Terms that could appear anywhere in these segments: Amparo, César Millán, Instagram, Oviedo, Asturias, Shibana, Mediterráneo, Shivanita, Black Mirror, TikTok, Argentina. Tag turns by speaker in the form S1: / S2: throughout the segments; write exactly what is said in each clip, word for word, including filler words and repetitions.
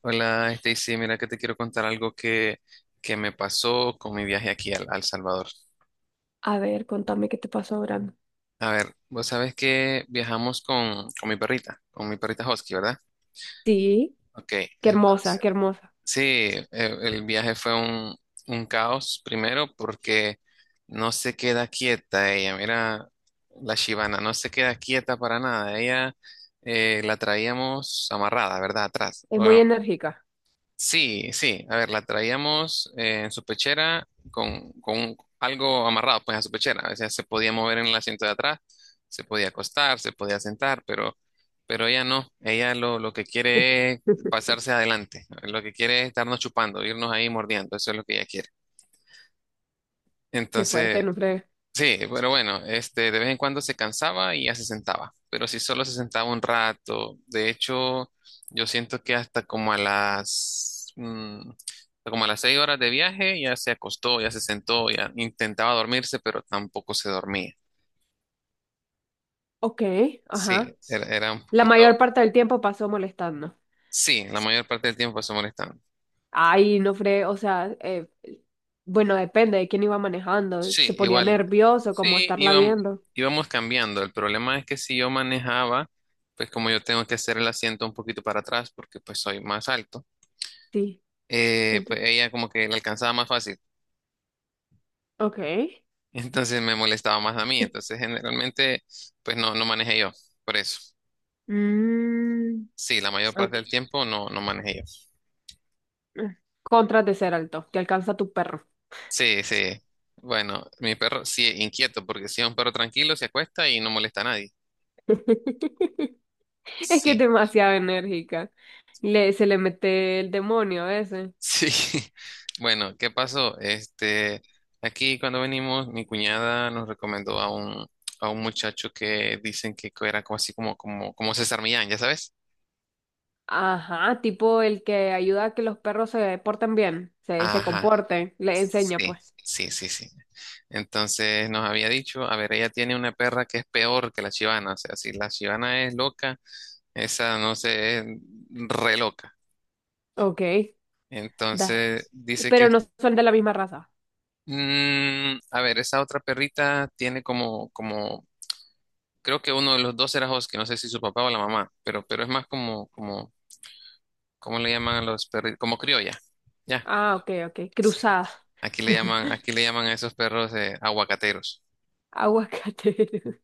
S1: Hola, Stacy, mira que te quiero contar algo que, que me pasó con mi viaje aquí al, al Salvador.
S2: A ver, contame qué te pasó ahora.
S1: A ver, vos sabés que viajamos con, con mi perrita, con mi perrita Husky, ¿verdad?
S2: Sí,
S1: Ok,
S2: qué hermosa,
S1: entonces,
S2: qué hermosa.
S1: sí, eh, el viaje fue un, un caos primero porque no se queda quieta ella, mira, la Shibana, no se queda quieta para nada, ella eh, la traíamos amarrada, ¿verdad? Atrás.
S2: Es muy enérgica.
S1: Sí, sí, a ver, la traíamos eh, en su pechera con, con algo amarrado pues a su pechera, a veces se podía mover en el asiento de atrás, se podía acostar, se podía sentar, pero, pero ella no, ella lo, lo que quiere es pasarse adelante, lo que quiere es estarnos chupando, irnos ahí mordiendo, eso es lo que ella quiere.
S2: Qué fuerte,
S1: Entonces,
S2: no fregues.
S1: sí, pero bueno, este, de vez en cuando se cansaba y ya se sentaba, pero si solo se sentaba un rato, de hecho, yo siento que hasta como a las, mm, como a las seis horas de viaje ya se acostó, ya se sentó, ya intentaba dormirse, pero tampoco se dormía.
S2: Ok,
S1: Sí,
S2: ajá.
S1: era, era un
S2: La mayor
S1: poquito,
S2: parte del tiempo pasó molestando.
S1: sí, la mayor parte del tiempo se molestando.
S2: Ay, no fregues, o sea, eh, bueno, depende de quién iba manejando. Se
S1: Sí,
S2: ponía
S1: igual,
S2: nervioso como
S1: sí,
S2: estarla
S1: íbam-
S2: viendo.
S1: íbamos cambiando. El problema es que si yo manejaba, pues como yo tengo que hacer el asiento un poquito para atrás porque pues soy más alto.
S2: Sí.
S1: Eh,
S2: enti-
S1: pues ella como que la alcanzaba más fácil.
S2: Ok.
S1: Entonces me molestaba más a mí. Entonces generalmente pues no, no manejé yo. Por eso.
S2: Mm,
S1: Sí, la mayor
S2: ah,
S1: parte del tiempo no, no manejé yo.
S2: contras de ser alto, que alcanza tu perro.
S1: Sí, sí. Bueno, mi perro sí es inquieto porque si es un perro tranquilo se acuesta y no molesta a nadie.
S2: Es que es
S1: Sí,
S2: demasiado enérgica. Le, se le mete el demonio a veces.
S1: sí. Bueno, ¿qué pasó? Este, aquí cuando venimos, mi cuñada nos recomendó a un, a un muchacho que dicen que era como así como, como, como César Millán, ¿ya sabes?
S2: Ajá, tipo el que ayuda a que los perros se porten bien, se, se
S1: Ajá.
S2: comporten, le enseña
S1: Sí,
S2: pues.
S1: sí, sí, sí. Entonces nos había dicho, a ver, ella tiene una perra que es peor que la chivana, o sea, si la chivana es loca, esa no sé, es re loca.
S2: Ok, da.
S1: Entonces dice
S2: Pero
S1: que,
S2: no son de la misma raza.
S1: mm, a ver, esa otra perrita tiene como, como, creo que uno de los dos era Husky, no sé si su papá o la mamá, pero, pero es más como, como, ¿cómo le llaman a los perritos? Como criolla, ya.
S2: Ah, ok, ok.
S1: Sí.
S2: Cruzada.
S1: Aquí le llaman, aquí le llaman a esos perros eh, aguacateros.
S2: Aguacate.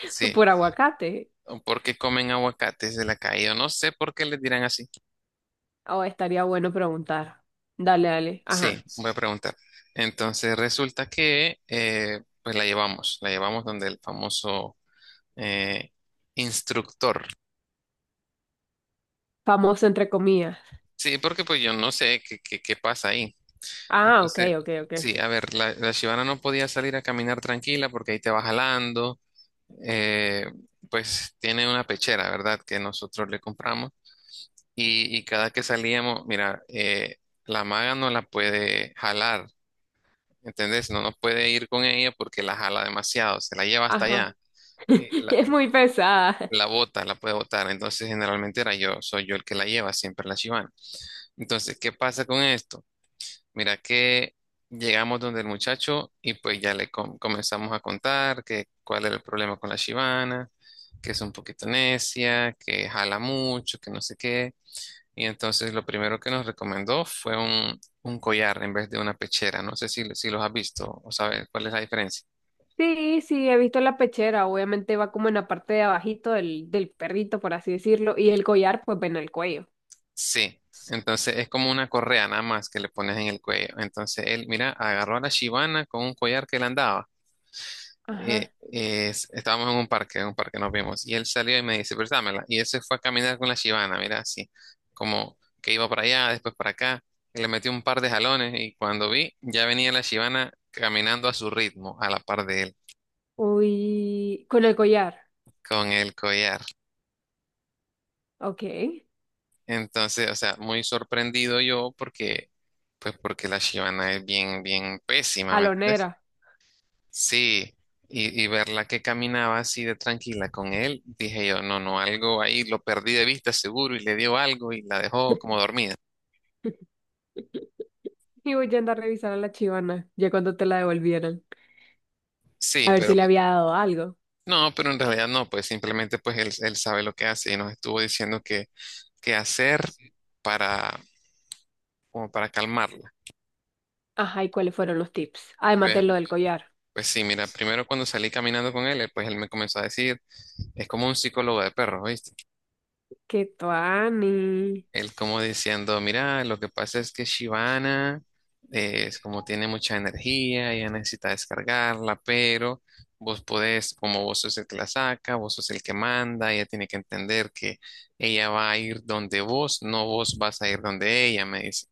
S1: Sí.
S2: Por aguacate.
S1: ¿O por qué comen aguacates de la calle? Yo no sé por qué les dirán así.
S2: Oh, estaría bueno preguntar. Dale, dale.
S1: Sí,
S2: Ajá.
S1: voy a preguntar. Entonces resulta que eh, pues la llevamos, la llevamos donde el famoso eh, instructor.
S2: Famoso entre comillas.
S1: Sí, porque pues yo no sé qué, qué, qué pasa ahí.
S2: Ah, ok,
S1: Entonces,
S2: ok, ok.
S1: sí, a ver, la, la Shibana no podía salir a caminar tranquila porque ahí te va jalando. Eh, pues tiene una pechera, ¿verdad? Que nosotros le compramos. Y, y cada que salíamos, mira, eh, la maga no la puede jalar. ¿Entendés? No, no puede ir con ella porque la jala demasiado, se la lleva hasta
S2: Ajá.
S1: allá, y la,
S2: Es muy pesada.
S1: la bota, la puede botar. Entonces, generalmente era yo, soy yo el que la lleva, siempre la chivana. Entonces, ¿qué pasa con esto? Mira que llegamos donde el muchacho y pues ya le com- comenzamos a contar que cuál era el problema con la chivana, que es un poquito necia, que jala mucho, que no sé qué. Y entonces lo primero que nos recomendó fue un, un collar en vez de una pechera. No sé si, si los has visto o sabes cuál es la diferencia.
S2: Sí, sí, he visto la pechera, obviamente va como en la parte de abajito del, del perrito, por así decirlo, y el collar, pues ven el cuello.
S1: Sí, entonces es como una correa nada más que le pones en el cuello. Entonces él, mira, agarró a la Shibana con un collar que le andaba. Eh,
S2: Ajá.
S1: eh, es- estábamos en un parque, en un parque nos vimos. Y él salió y me dice, préstamela. Y él se fue a caminar con la Shibana, mira, así, como que iba para allá, después para acá. Y le metió un par de jalones y cuando vi, ya venía la Shibana caminando a su ritmo, a la par de él,
S2: Uy, con el collar,
S1: con el collar.
S2: ok.
S1: Entonces, o sea, muy sorprendido yo porque, pues porque la Shibana es bien, bien pésima, ¿me entiendes?
S2: Jalonera.
S1: Sí, y, y verla que caminaba así de tranquila con él, dije yo, no, no, algo ahí lo perdí de vista seguro y le dio algo y la dejó como dormida.
S2: Y voy a andar a revisar a la chivana, ya cuando te la devolvieran,
S1: Sí,
S2: a ver si
S1: pero
S2: le había dado algo.
S1: no, pero en realidad no, pues simplemente pues él, él sabe lo que hace y nos estuvo diciendo que, qué hacer para, como para calmarla.
S2: Ajá, ¿y cuáles fueron los tips? Además de
S1: Pues,
S2: lo del collar.
S1: pues sí, mira, primero cuando salí caminando con él, él, pues él me comenzó a decir, es como un psicólogo de perros, ¿oíste?
S2: ¡Qué tuani!
S1: Él como diciendo, mira, lo que pasa es que Shivana eh, es como tiene mucha energía, ella necesita descargarla, pero vos podés, como vos sos el que la saca, vos sos el que manda, ella tiene que entender que ella va a ir donde vos, no vos vas a ir donde ella, me dice.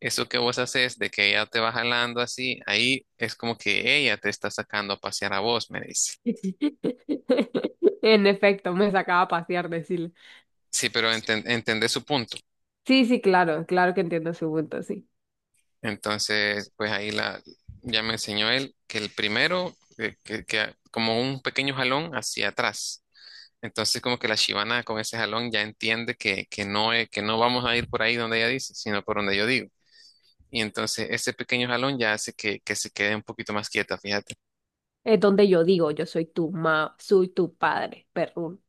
S1: Eso que vos haces de que ella te va jalando así, ahí es como que ella te está sacando a pasear a vos, me dice.
S2: En efecto, me sacaba a pasear, decirle.
S1: Sí, pero enten- entendés su punto.
S2: Sí, sí, claro, claro que entiendo su punto, sí.
S1: Entonces, pues ahí la, ya me enseñó él que el primero, eh, que, que como un pequeño jalón hacia atrás. Entonces, como que la chivana con ese jalón ya entiende que, que no, es- que no vamos a ir por ahí donde ella dice, sino por donde yo digo. Y entonces ese pequeño jalón ya hace que, que se quede un poquito más quieta, fíjate.
S2: Es donde yo digo, yo soy tu ma, soy tu padre, perrún.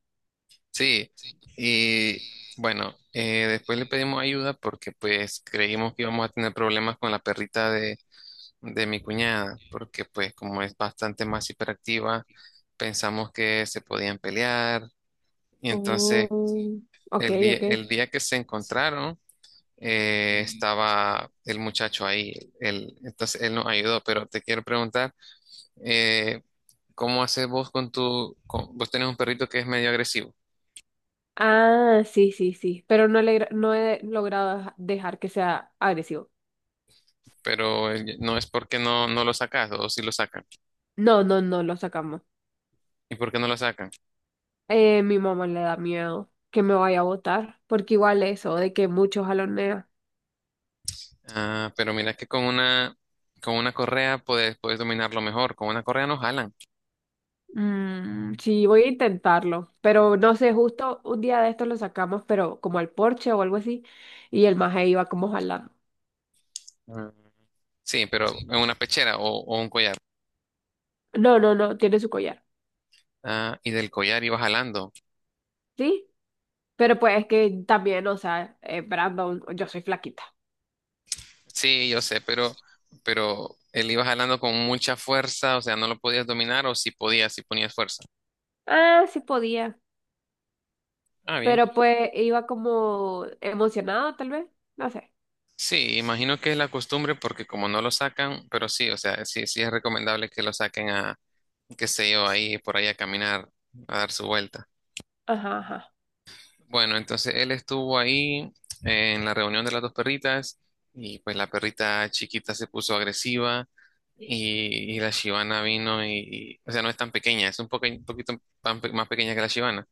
S1: Sí, y bueno, eh, después le pedimos ayuda porque pues creímos que íbamos a tener problemas con la perrita de de mi cuñada, porque pues como es bastante más hiperactiva, pensamos que se podían pelear y entonces
S2: Oh, ok,
S1: el día,
S2: ok.
S1: el día que se encontraron eh, estaba el muchacho ahí, él, entonces él nos ayudó, pero te quiero preguntar, eh, ¿cómo haces vos con tu, con- vos tenés un perrito que es medio agresivo,
S2: Ah, sí, sí, sí. Pero no, le, no he logrado dejar que sea agresivo.
S1: pero eh, no es porque no, no lo sacas o si lo sacan?
S2: No, no, no, lo sacamos.
S1: ¿Y por qué no lo sacan?
S2: Eh, mi mamá le da miedo que me vaya a votar, porque igual eso, de que muchos jalonea.
S1: Ah, pero mira que con una, con una correa puedes, puedes dominarlo mejor. Con una correa no jalan.
S2: Mm, sí, voy a intentarlo, pero no sé, justo un día de estos lo sacamos, pero como al porche o algo así, y el maje iba como jalando.
S1: Ah. Sí, pero en una pechera o, o un collar.
S2: No, no, no, tiene su collar.
S1: Ah, y del collar iba jalando.
S2: ¿Sí? Pero pues es que también, o sea, eh, Brandon, yo soy flaquita.
S1: Sí, yo sé, pero, pero él iba jalando con mucha fuerza, o sea, no lo podías dominar o si podías, si ponías fuerza.
S2: Ah, sí podía.
S1: Ah, bien.
S2: Pero pues iba como emocionada, tal vez. No sé.
S1: Sí, imagino que es la costumbre porque como no lo sacan, pero sí, o sea, sí, sí es recomendable que lo saquen a, qué sé yo, ahí por ahí a caminar, a dar su vuelta.
S2: Ajá, ajá.
S1: Bueno, entonces él estuvo ahí en la reunión de las dos perritas y pues la perrita chiquita se puso agresiva y, y la Shibana vino y, y- o sea, no es tan pequeña, es un, poque- un poquito pan- más pequeña que la Shibana.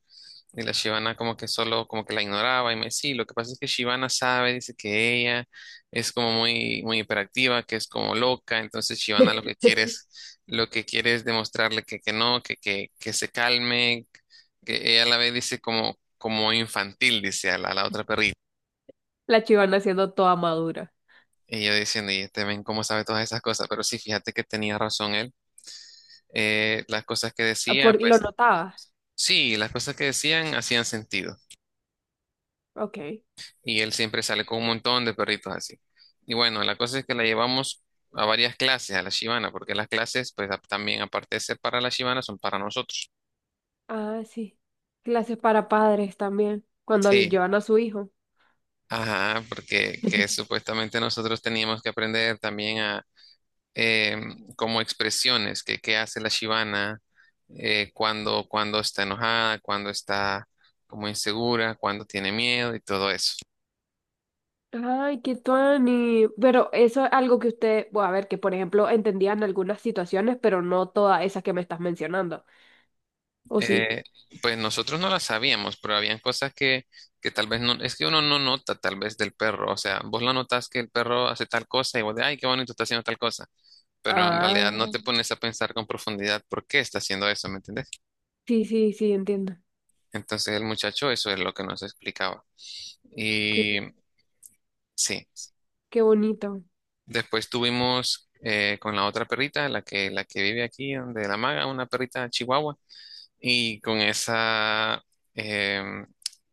S1: Y la Shivana como que solo, como que la ignoraba y me decía, sí, lo que pasa es que Shivana sabe, dice que ella es como muy, muy hiperactiva, que es como loca, entonces Shivana lo que quiere es, lo que quiere es demostrarle que, que no, que, que, que se calme, que ella la ve, dice como, como infantil, dice a la, a la otra perrita.
S2: La chivana siendo toda madura.
S1: Y yo diciendo, y te ven cómo sabe todas esas cosas, pero sí, fíjate que tenía razón él. Eh, las cosas que
S2: Ah,
S1: decía,
S2: por, ¿lo
S1: pues
S2: notabas?
S1: sí, las cosas que decían hacían sentido.
S2: Ok.
S1: Y él siempre sale con un montón de perritos así. Y bueno, la cosa es que la llevamos a varias clases, a la Shibana, porque las clases, pues a- también aparte de ser para la Shibana, son para nosotros.
S2: Ah, sí. Clases para padres también. Cuando le
S1: Sí,
S2: llevan a su hijo.
S1: ajá, porque que supuestamente nosotros teníamos que aprender también a em, como expresiones, que qué hace la Shibana eh, cuando, cuando está enojada, cuando está como insegura, cuando tiene miedo y todo eso.
S2: Ay, qué tuani. Pero eso es algo que usted, bueno, a ver, que por ejemplo entendían algunas situaciones, pero no todas esas que me estás mencionando. ¿O sí?
S1: Eh, pues nosotros no las sabíamos, pero habían cosas que, que tal vez no, es que uno no nota tal vez del perro, o sea, vos la notas que el perro hace tal cosa y vos de, ay, qué bonito está haciendo tal cosa, pero en realidad
S2: Ah,
S1: no te pones a pensar con profundidad por qué está haciendo eso, ¿me entendés?
S2: sí, sí, sí, entiendo.
S1: Entonces el muchacho eso es lo que nos explicaba.
S2: Qué,
S1: Y sí,
S2: qué bonito.
S1: después tuvimos eh, con la otra perrita, la que, la que vive aquí, donde la maga, una perrita chihuahua. Y con esa em,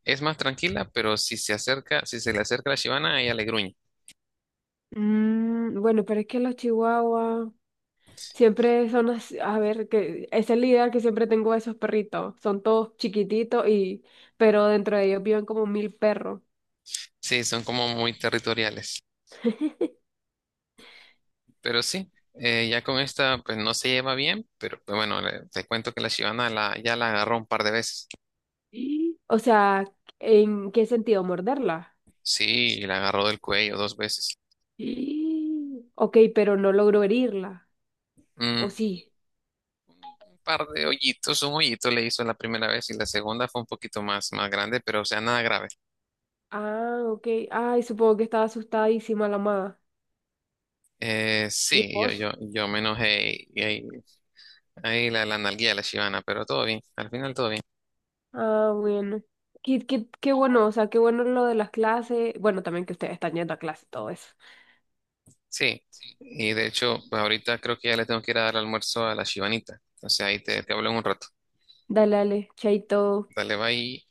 S1: es más tranquila, pero si se acerca, si se le acerca la Shivana, ella le gruñe.
S2: Mm, bueno, pero es que los chihuahuas siempre son así, a ver, que esa es la idea que siempre tengo de esos perritos. Son todos chiquititos y, pero dentro de ellos viven como mil perros.
S1: Sí, son como muy territoriales. Pero sí, eh, ya con esta, pues no se lleva bien, pero pues, bueno, le- te cuento que la Shivana la, ya la agarró un par de veces.
S2: Y, o sea, ¿en qué sentido? ¿Morderla?
S1: Sí, y la agarró del cuello dos veces.
S2: Y, ok, pero no logró herirla. ¿O
S1: Mm,
S2: sí?
S1: un par de hoyitos, un hoyito le hizo la primera vez y la segunda fue un poquito más, más grande, pero o sea, nada grave.
S2: Ah, ok. Ay, supongo que estaba asustadísima la mamá.
S1: Eh,
S2: ¿Y
S1: sí, yo,
S2: vos?
S1: yo, yo me enojé y, y ahí la, la nalgué a la Shivana, pero todo bien, al final todo bien.
S2: Ah, bueno. Qué, qué, qué bueno, o sea, qué bueno lo de las clases. Bueno, también que ustedes están yendo a clase, todo eso.
S1: Sí, y de hecho, pues ahorita creo que ya le tengo que ir a dar almuerzo a la Shivanita. Entonces ahí te, te hablo en un rato.
S2: Dale, dale, chaito.
S1: Dale, bye.